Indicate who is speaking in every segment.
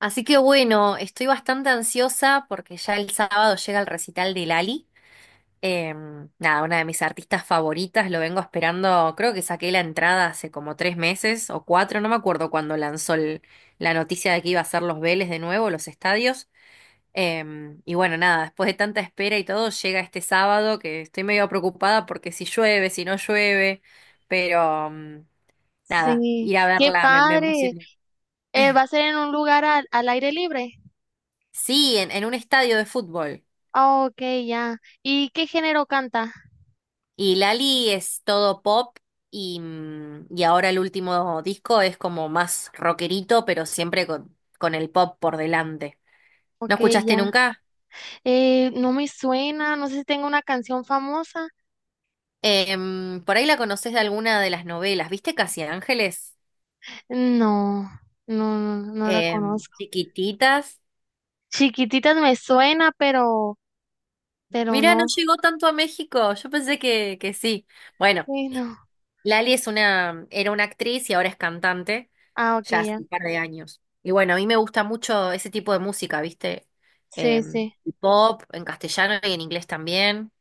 Speaker 1: Así que bueno, estoy bastante ansiosa porque ya el sábado llega el recital de Lali. Nada, una de mis artistas favoritas, lo vengo esperando, creo que saqué la entrada hace como tres meses o cuatro, no me acuerdo cuando lanzó la noticia de que iba a hacer los Vélez de nuevo, los estadios. Y bueno, nada, después de tanta espera y todo, llega este sábado que estoy medio preocupada porque si llueve, si no llueve, pero nada,
Speaker 2: Sí,
Speaker 1: ir a
Speaker 2: qué
Speaker 1: verla me
Speaker 2: padre.
Speaker 1: emociona.
Speaker 2: ¿Va a ser en un lugar al aire libre?
Speaker 1: Sí, en un estadio de fútbol.
Speaker 2: Ah, ok, ya. ¿Y qué género canta?
Speaker 1: Y Lali es todo pop y, y ahora el último disco es como más rockerito, pero siempre con el pop por delante. ¿No
Speaker 2: Ok,
Speaker 1: escuchaste
Speaker 2: ya.
Speaker 1: nunca?
Speaker 2: No me suena, no sé si tengo una canción famosa.
Speaker 1: Por ahí la conoces de alguna de las novelas. ¿Viste Casi Ángeles?
Speaker 2: No, no, no, no la conozco.
Speaker 1: Chiquititas.
Speaker 2: Chiquititas me suena, pero
Speaker 1: Mira, no
Speaker 2: no.
Speaker 1: llegó tanto a México. Yo pensé que sí. Bueno,
Speaker 2: Sí, no.
Speaker 1: Lali es una, era una actriz y ahora es cantante.
Speaker 2: Ah, ok,
Speaker 1: Ya hace
Speaker 2: ya.
Speaker 1: un par de años. Y bueno, a mí me gusta mucho ese tipo de música, ¿viste?
Speaker 2: Sí, sí.
Speaker 1: El pop en castellano y en inglés también.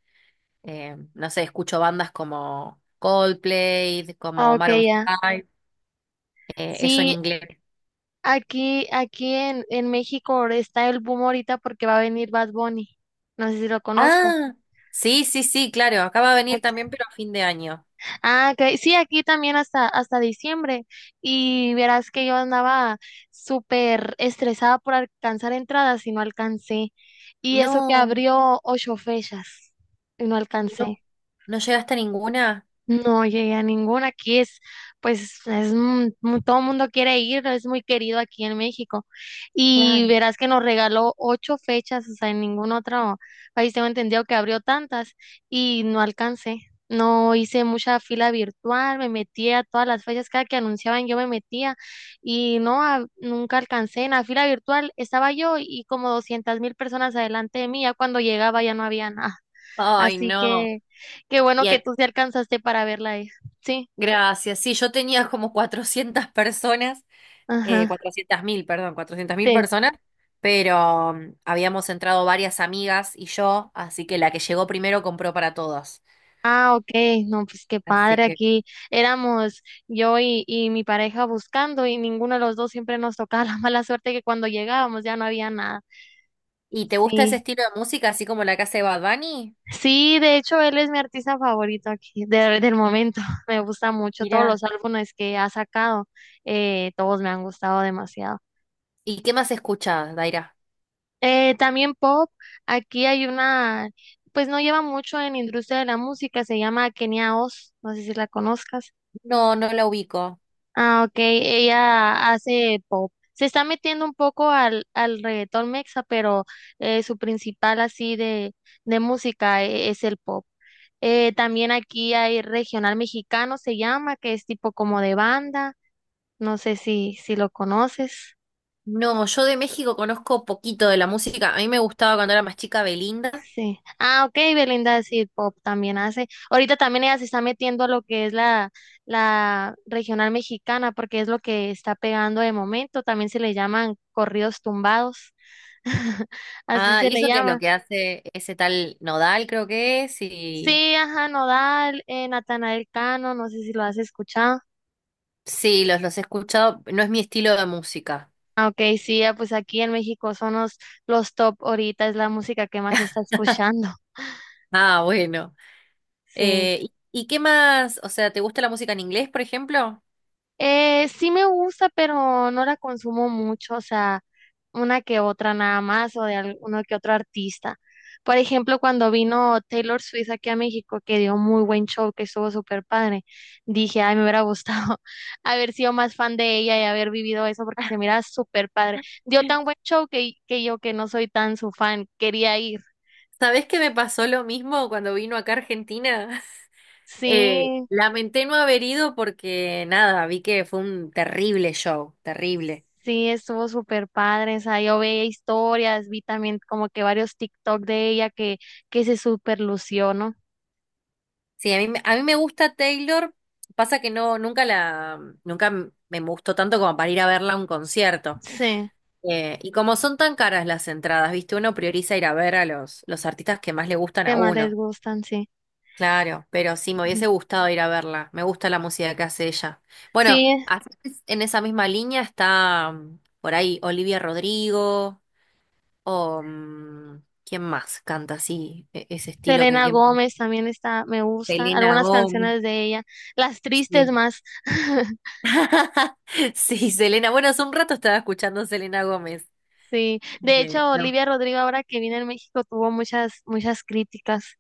Speaker 1: No sé, escucho bandas como Coldplay,
Speaker 2: Ah,
Speaker 1: como
Speaker 2: ok,
Speaker 1: Maroon
Speaker 2: ya.
Speaker 1: 5, eso en
Speaker 2: Sí,
Speaker 1: inglés.
Speaker 2: aquí en México está el boom ahorita porque va a venir Bad Bunny. No sé si lo conozcas.
Speaker 1: Ah, sí, sí, sí, claro, acaba de venir
Speaker 2: Ok.
Speaker 1: también, pero a fin de año.
Speaker 2: Ah, ok. Sí, aquí también hasta diciembre. Y verás que yo andaba súper estresada por alcanzar entradas y no alcancé. Y eso que
Speaker 1: No,
Speaker 2: abrió ocho fechas y no
Speaker 1: y no,
Speaker 2: alcancé.
Speaker 1: no llegaste a ninguna.
Speaker 2: No llegué a ninguna. Aquí es, pues, todo el mundo quiere ir, es muy querido aquí en México. Y
Speaker 1: Claro.
Speaker 2: verás que nos regaló ocho fechas, o sea, en ningún otro país tengo entendido que abrió tantas y no alcancé. No hice mucha fila virtual, me metía a todas las fechas, cada que anunciaban yo me metía y no, nunca alcancé. En la fila virtual estaba yo y como 200,000 personas adelante de mí, ya cuando llegaba ya no había nada.
Speaker 1: Ay,
Speaker 2: Así
Speaker 1: no.
Speaker 2: que qué bueno
Speaker 1: Y
Speaker 2: que
Speaker 1: el-
Speaker 2: tú sí alcanzaste para verla, hija. Sí,
Speaker 1: Gracias, sí, yo tenía como 400 personas
Speaker 2: ajá,
Speaker 1: 400.000 perdón, 400.000
Speaker 2: sí.
Speaker 1: personas, pero habíamos entrado varias amigas y yo, así que la que llegó primero compró para todos.
Speaker 2: Ah, ok, no, pues qué
Speaker 1: Así
Speaker 2: padre,
Speaker 1: que...
Speaker 2: aquí éramos yo y mi pareja buscando y ninguno de los dos siempre nos tocaba la mala suerte que cuando llegábamos ya no había nada.
Speaker 1: ¿Y te gusta ese
Speaker 2: Sí,
Speaker 1: estilo de música, así como la que hace Bad Bunny?
Speaker 2: sí, de hecho él es mi artista favorito aquí del momento, me gusta mucho todos
Speaker 1: Mira.
Speaker 2: los álbumes que ha sacado. Todos me han gustado demasiado.
Speaker 1: ¿Y qué más escuchás, Daira?
Speaker 2: También pop, aquí hay una, pues no lleva mucho en industria de la música, se llama Kenia Oz, no sé si la conozcas.
Speaker 1: No, no la ubico.
Speaker 2: Ah, ok, ella hace pop. Se está metiendo un poco al reggaetón mexa, pero su principal así de música es el pop. También aquí hay regional mexicano, se llama, que es tipo como de banda, no sé si lo conoces.
Speaker 1: No, yo de México conozco poquito de la música. A mí me gustaba cuando era más chica Belinda.
Speaker 2: Sí. Ah, ok, Belinda sí, pop también hace. Ahorita también ella se está metiendo a lo que es la regional mexicana, porque es lo que está pegando de momento. También se le llaman corridos tumbados. Así
Speaker 1: Ah,
Speaker 2: se
Speaker 1: ¿y
Speaker 2: le
Speaker 1: eso qué es lo
Speaker 2: llama.
Speaker 1: que hace ese tal Nodal, creo que es? Y...
Speaker 2: Sí, ajá, Nodal, Natanael Cano, no sé si lo has escuchado.
Speaker 1: Sí, los he escuchado. No es mi estilo de música.
Speaker 2: Ah, ok, sí, ya, pues aquí en México son los top ahorita, es la música que más se está escuchando.
Speaker 1: Ah, bueno.
Speaker 2: Sí.
Speaker 1: ¿Y qué más? O sea, ¿te gusta la música en inglés, por ejemplo?
Speaker 2: Sí me gusta, pero no la consumo mucho, o sea, una que otra nada más o de alguno que otro artista. Por ejemplo, cuando vino Taylor Swift aquí a México, que dio muy buen show, que estuvo súper padre, dije, ay, me hubiera gustado haber sido más fan de ella y haber vivido eso porque se mira súper padre. Dio tan buen show que yo que no soy tan su fan, quería ir.
Speaker 1: ¿Sabés que me pasó lo mismo cuando vino acá a Argentina?
Speaker 2: Sí.
Speaker 1: Lamenté no haber ido porque nada, vi que fue un terrible show, terrible.
Speaker 2: Sí, estuvo súper padre, o sea, yo veía historias, vi también como que varios TikTok de ella que se súper lució, ¿no?
Speaker 1: Sí, a a mí me gusta Taylor, pasa que no, nunca la, nunca me gustó tanto como para ir a verla a un concierto.
Speaker 2: Sí,
Speaker 1: Y como son tan caras las entradas, viste, uno prioriza ir a ver a los artistas que más le gustan
Speaker 2: que
Speaker 1: a
Speaker 2: más les
Speaker 1: uno.
Speaker 2: gustan, sí.
Speaker 1: Claro, pero sí, me
Speaker 2: Ujú.
Speaker 1: hubiese gustado ir a verla. Me gusta la música que hace ella. Bueno,
Speaker 2: Sí,
Speaker 1: así es, en esa misma línea está por ahí Olivia Rodrigo o ¿quién más canta así? Ese estilo
Speaker 2: Selena
Speaker 1: que...
Speaker 2: Gómez también está, me gusta,
Speaker 1: Selena
Speaker 2: algunas
Speaker 1: Gómez.
Speaker 2: canciones de ella, las tristes
Speaker 1: Sí.
Speaker 2: más,
Speaker 1: Sí, Selena. Bueno, hace un rato estaba escuchando Selena Gómez.
Speaker 2: sí. De hecho,
Speaker 1: No.
Speaker 2: Olivia Rodrigo ahora que viene en México tuvo muchas, muchas críticas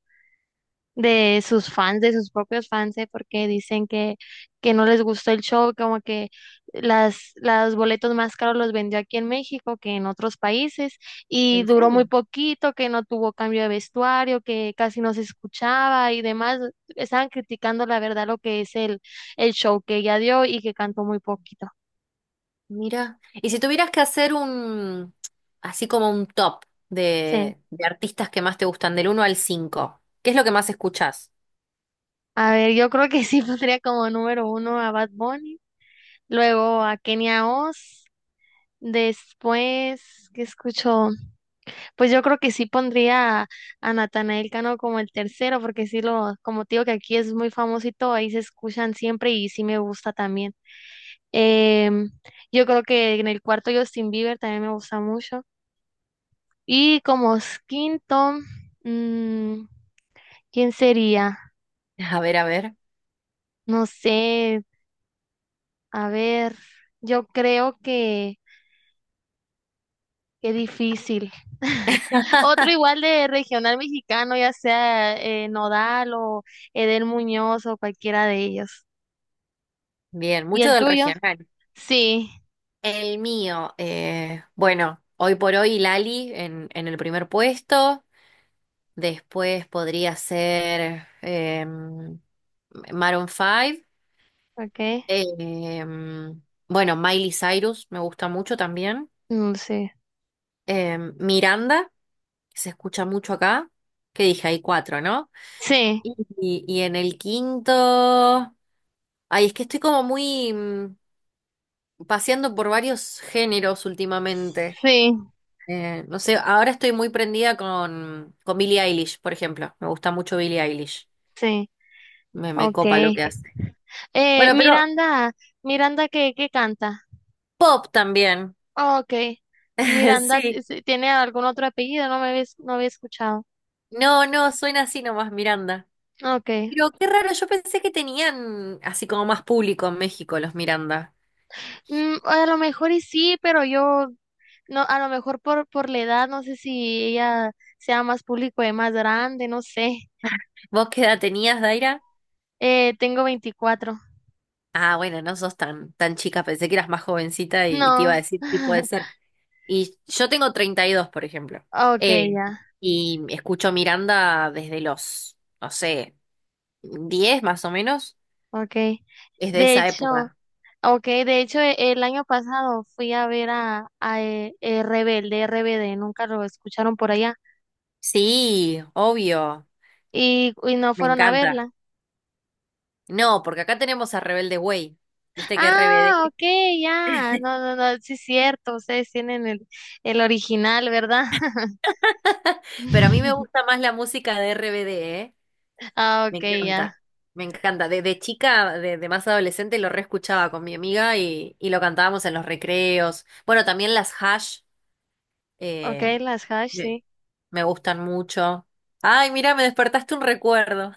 Speaker 2: de sus fans, de sus propios fans, ¿eh? Porque dicen que no les gustó el show, como que los boletos más caros los vendió aquí en México que en otros países y
Speaker 1: ¿En
Speaker 2: duró muy
Speaker 1: serio?
Speaker 2: poquito, que no tuvo cambio de vestuario, que casi no se escuchaba y demás. Estaban criticando la verdad lo que es el show que ella dio y que cantó muy poquito.
Speaker 1: Mira, y si tuvieras que hacer así como un top
Speaker 2: Sí.
Speaker 1: de artistas que más te gustan, del uno al cinco, ¿qué es lo que más escuchás?
Speaker 2: A ver, yo creo que sí pondría como número uno a Bad Bunny, luego a Kenia Oz, después, ¿qué escucho? Pues yo creo que sí pondría a Natanael Cano como el tercero, porque sí lo, como te digo que aquí es muy famoso y todo, ahí se escuchan siempre y sí me gusta también. Em, yo creo que en el cuarto Justin Bieber también me gusta mucho. Y como quinto, mm, ¿quién sería?
Speaker 1: A ver, a ver.
Speaker 2: No sé, a ver, yo creo que. Qué difícil. Otro igual de regional mexicano, ya sea Nodal o Edel Muñoz o cualquiera de ellos.
Speaker 1: Bien,
Speaker 2: ¿Y
Speaker 1: mucho
Speaker 2: el
Speaker 1: del
Speaker 2: tuyo?
Speaker 1: regional.
Speaker 2: Sí,
Speaker 1: El mío, bueno, hoy por hoy Lali en el primer puesto, después podría ser Maroon Five.
Speaker 2: ok.
Speaker 1: em, bueno, Miley Cyrus me gusta mucho también.
Speaker 2: No, sí.
Speaker 1: Miranda, que se escucha mucho acá, que dije, hay cuatro, ¿no?
Speaker 2: Sí,
Speaker 1: Y en el quinto... Ay, es que estoy como muy paseando por varios géneros últimamente.
Speaker 2: sí,
Speaker 1: No sé, ahora estoy muy prendida con Billie Eilish, por ejemplo. Me gusta mucho Billie Eilish.
Speaker 2: sí.
Speaker 1: Me
Speaker 2: Ok.
Speaker 1: copa lo que hace.
Speaker 2: Eh,
Speaker 1: Bueno, pero
Speaker 2: Miranda, Miranda, ¿qué canta?
Speaker 1: pop también.
Speaker 2: Oh, ok. Miranda,
Speaker 1: Sí.
Speaker 2: sí, ¿tiene algún otro apellido? No había escuchado.
Speaker 1: No, no, suena así nomás, Miranda.
Speaker 2: Ok.
Speaker 1: Pero qué raro, yo pensé que tenían así como más público en México los Miranda.
Speaker 2: A lo mejor y sí, pero yo no, a lo mejor por la edad, no sé si ella sea más público y más grande, no sé.
Speaker 1: ¿Vos qué edad tenías, Daira?
Speaker 2: Tengo 24.
Speaker 1: Ah, bueno, no sos tan, tan chica, pensé que eras más jovencita y te iba a
Speaker 2: No.
Speaker 1: decir si puede ser. Y yo tengo 32 por ejemplo.
Speaker 2: Ok,
Speaker 1: Eh,
Speaker 2: ya.
Speaker 1: y escucho Miranda desde los, no sé, 10 más o menos.
Speaker 2: Ok.
Speaker 1: Es de
Speaker 2: De
Speaker 1: esa
Speaker 2: hecho,
Speaker 1: época.
Speaker 2: ok, el año pasado fui a ver a, a Rebelde, RBD, nunca lo escucharon por allá
Speaker 1: Sí, obvio,
Speaker 2: y no
Speaker 1: me
Speaker 2: fueron a
Speaker 1: encanta.
Speaker 2: verla.
Speaker 1: No, porque acá tenemos a Rebelde Way. Viste que
Speaker 2: Ah,
Speaker 1: RBD.
Speaker 2: ok, ya. No, no, no, sí es cierto, ustedes tienen el original, ¿verdad?
Speaker 1: Pero a mí me gusta más la música de RBD, ¿eh?
Speaker 2: Ah,
Speaker 1: Me
Speaker 2: ok, ya.
Speaker 1: encanta, me encanta. Desde chica, desde más adolescente, lo reescuchaba con mi amiga y lo cantábamos en los recreos. Bueno, también las hash
Speaker 2: Ok,
Speaker 1: eh,
Speaker 2: las Hash,
Speaker 1: me,
Speaker 2: sí.
Speaker 1: me gustan mucho. Ay, mira, me despertaste un recuerdo.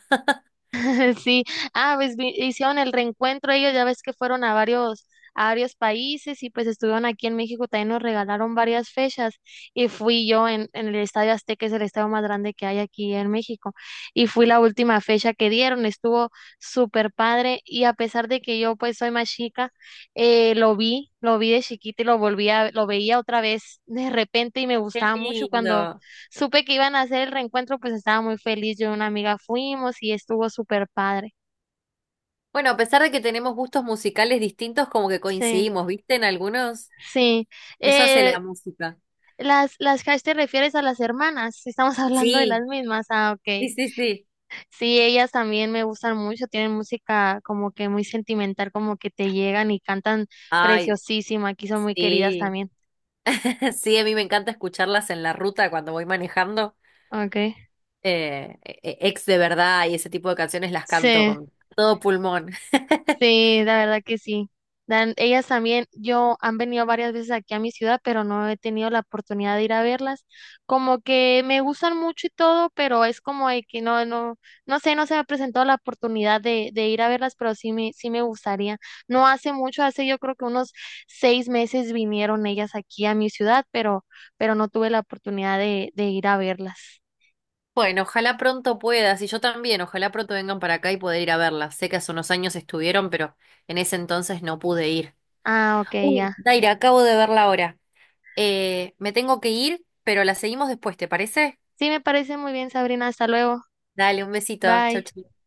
Speaker 2: Sí. Ah, pues hicieron el reencuentro ellos, ya ves que fueron a varios países y pues estuvieron aquí en México, también nos regalaron varias fechas y fui yo en el Estadio Azteca, es el estadio más grande que hay aquí en México. Y fui la última fecha que dieron, estuvo súper padre y a pesar de que yo pues soy más chica, lo vi de chiquita y lo veía otra vez de repente y me
Speaker 1: Qué
Speaker 2: gustaba mucho cuando
Speaker 1: lindo.
Speaker 2: supe que iban a hacer el reencuentro, pues estaba muy feliz. Yo y una amiga fuimos y estuvo súper padre.
Speaker 1: Bueno, a pesar de que tenemos gustos musicales distintos, como que
Speaker 2: Sí,
Speaker 1: coincidimos, ¿viste? En algunos,
Speaker 2: sí.
Speaker 1: eso hace
Speaker 2: Eh,
Speaker 1: la música.
Speaker 2: las Hash te refieres a las hermanas. Estamos hablando de las
Speaker 1: Sí,
Speaker 2: mismas. Ah,
Speaker 1: sí,
Speaker 2: ok.
Speaker 1: sí, sí.
Speaker 2: Sí, ellas también me gustan mucho. Tienen música como que muy sentimental, como que te llegan y cantan
Speaker 1: Ay,
Speaker 2: preciosísima. Aquí son muy queridas
Speaker 1: sí.
Speaker 2: también.
Speaker 1: Sí, a mí me encanta escucharlas en la ruta cuando voy manejando.
Speaker 2: Ok.
Speaker 1: Ex de verdad y ese tipo de canciones las canto
Speaker 2: Sí.
Speaker 1: con todo pulmón.
Speaker 2: Sí, la verdad que sí. Ellas también, yo han venido varias veces aquí a mi ciudad, pero no he tenido la oportunidad de ir a verlas. Como que me gustan mucho y todo, pero es como de que no, no, no sé, no se me ha presentado la oportunidad de ir a verlas, pero sí me gustaría. No hace mucho, hace yo creo que unos 6 meses vinieron ellas aquí a mi ciudad, pero no tuve la oportunidad de ir a verlas.
Speaker 1: Bueno, ojalá pronto puedas y yo también, ojalá pronto vengan para acá y poder ir a verlas. Sé que hace unos años estuvieron, pero en ese entonces no pude ir.
Speaker 2: Ah, ok,
Speaker 1: Uy,
Speaker 2: ya.
Speaker 1: Daira, acabo de verla ahora. Me tengo que ir, pero la seguimos después, ¿te parece?
Speaker 2: Sí, me parece muy bien, Sabrina. Hasta luego.
Speaker 1: Dale, un besito. Chau,
Speaker 2: Bye.
Speaker 1: chau.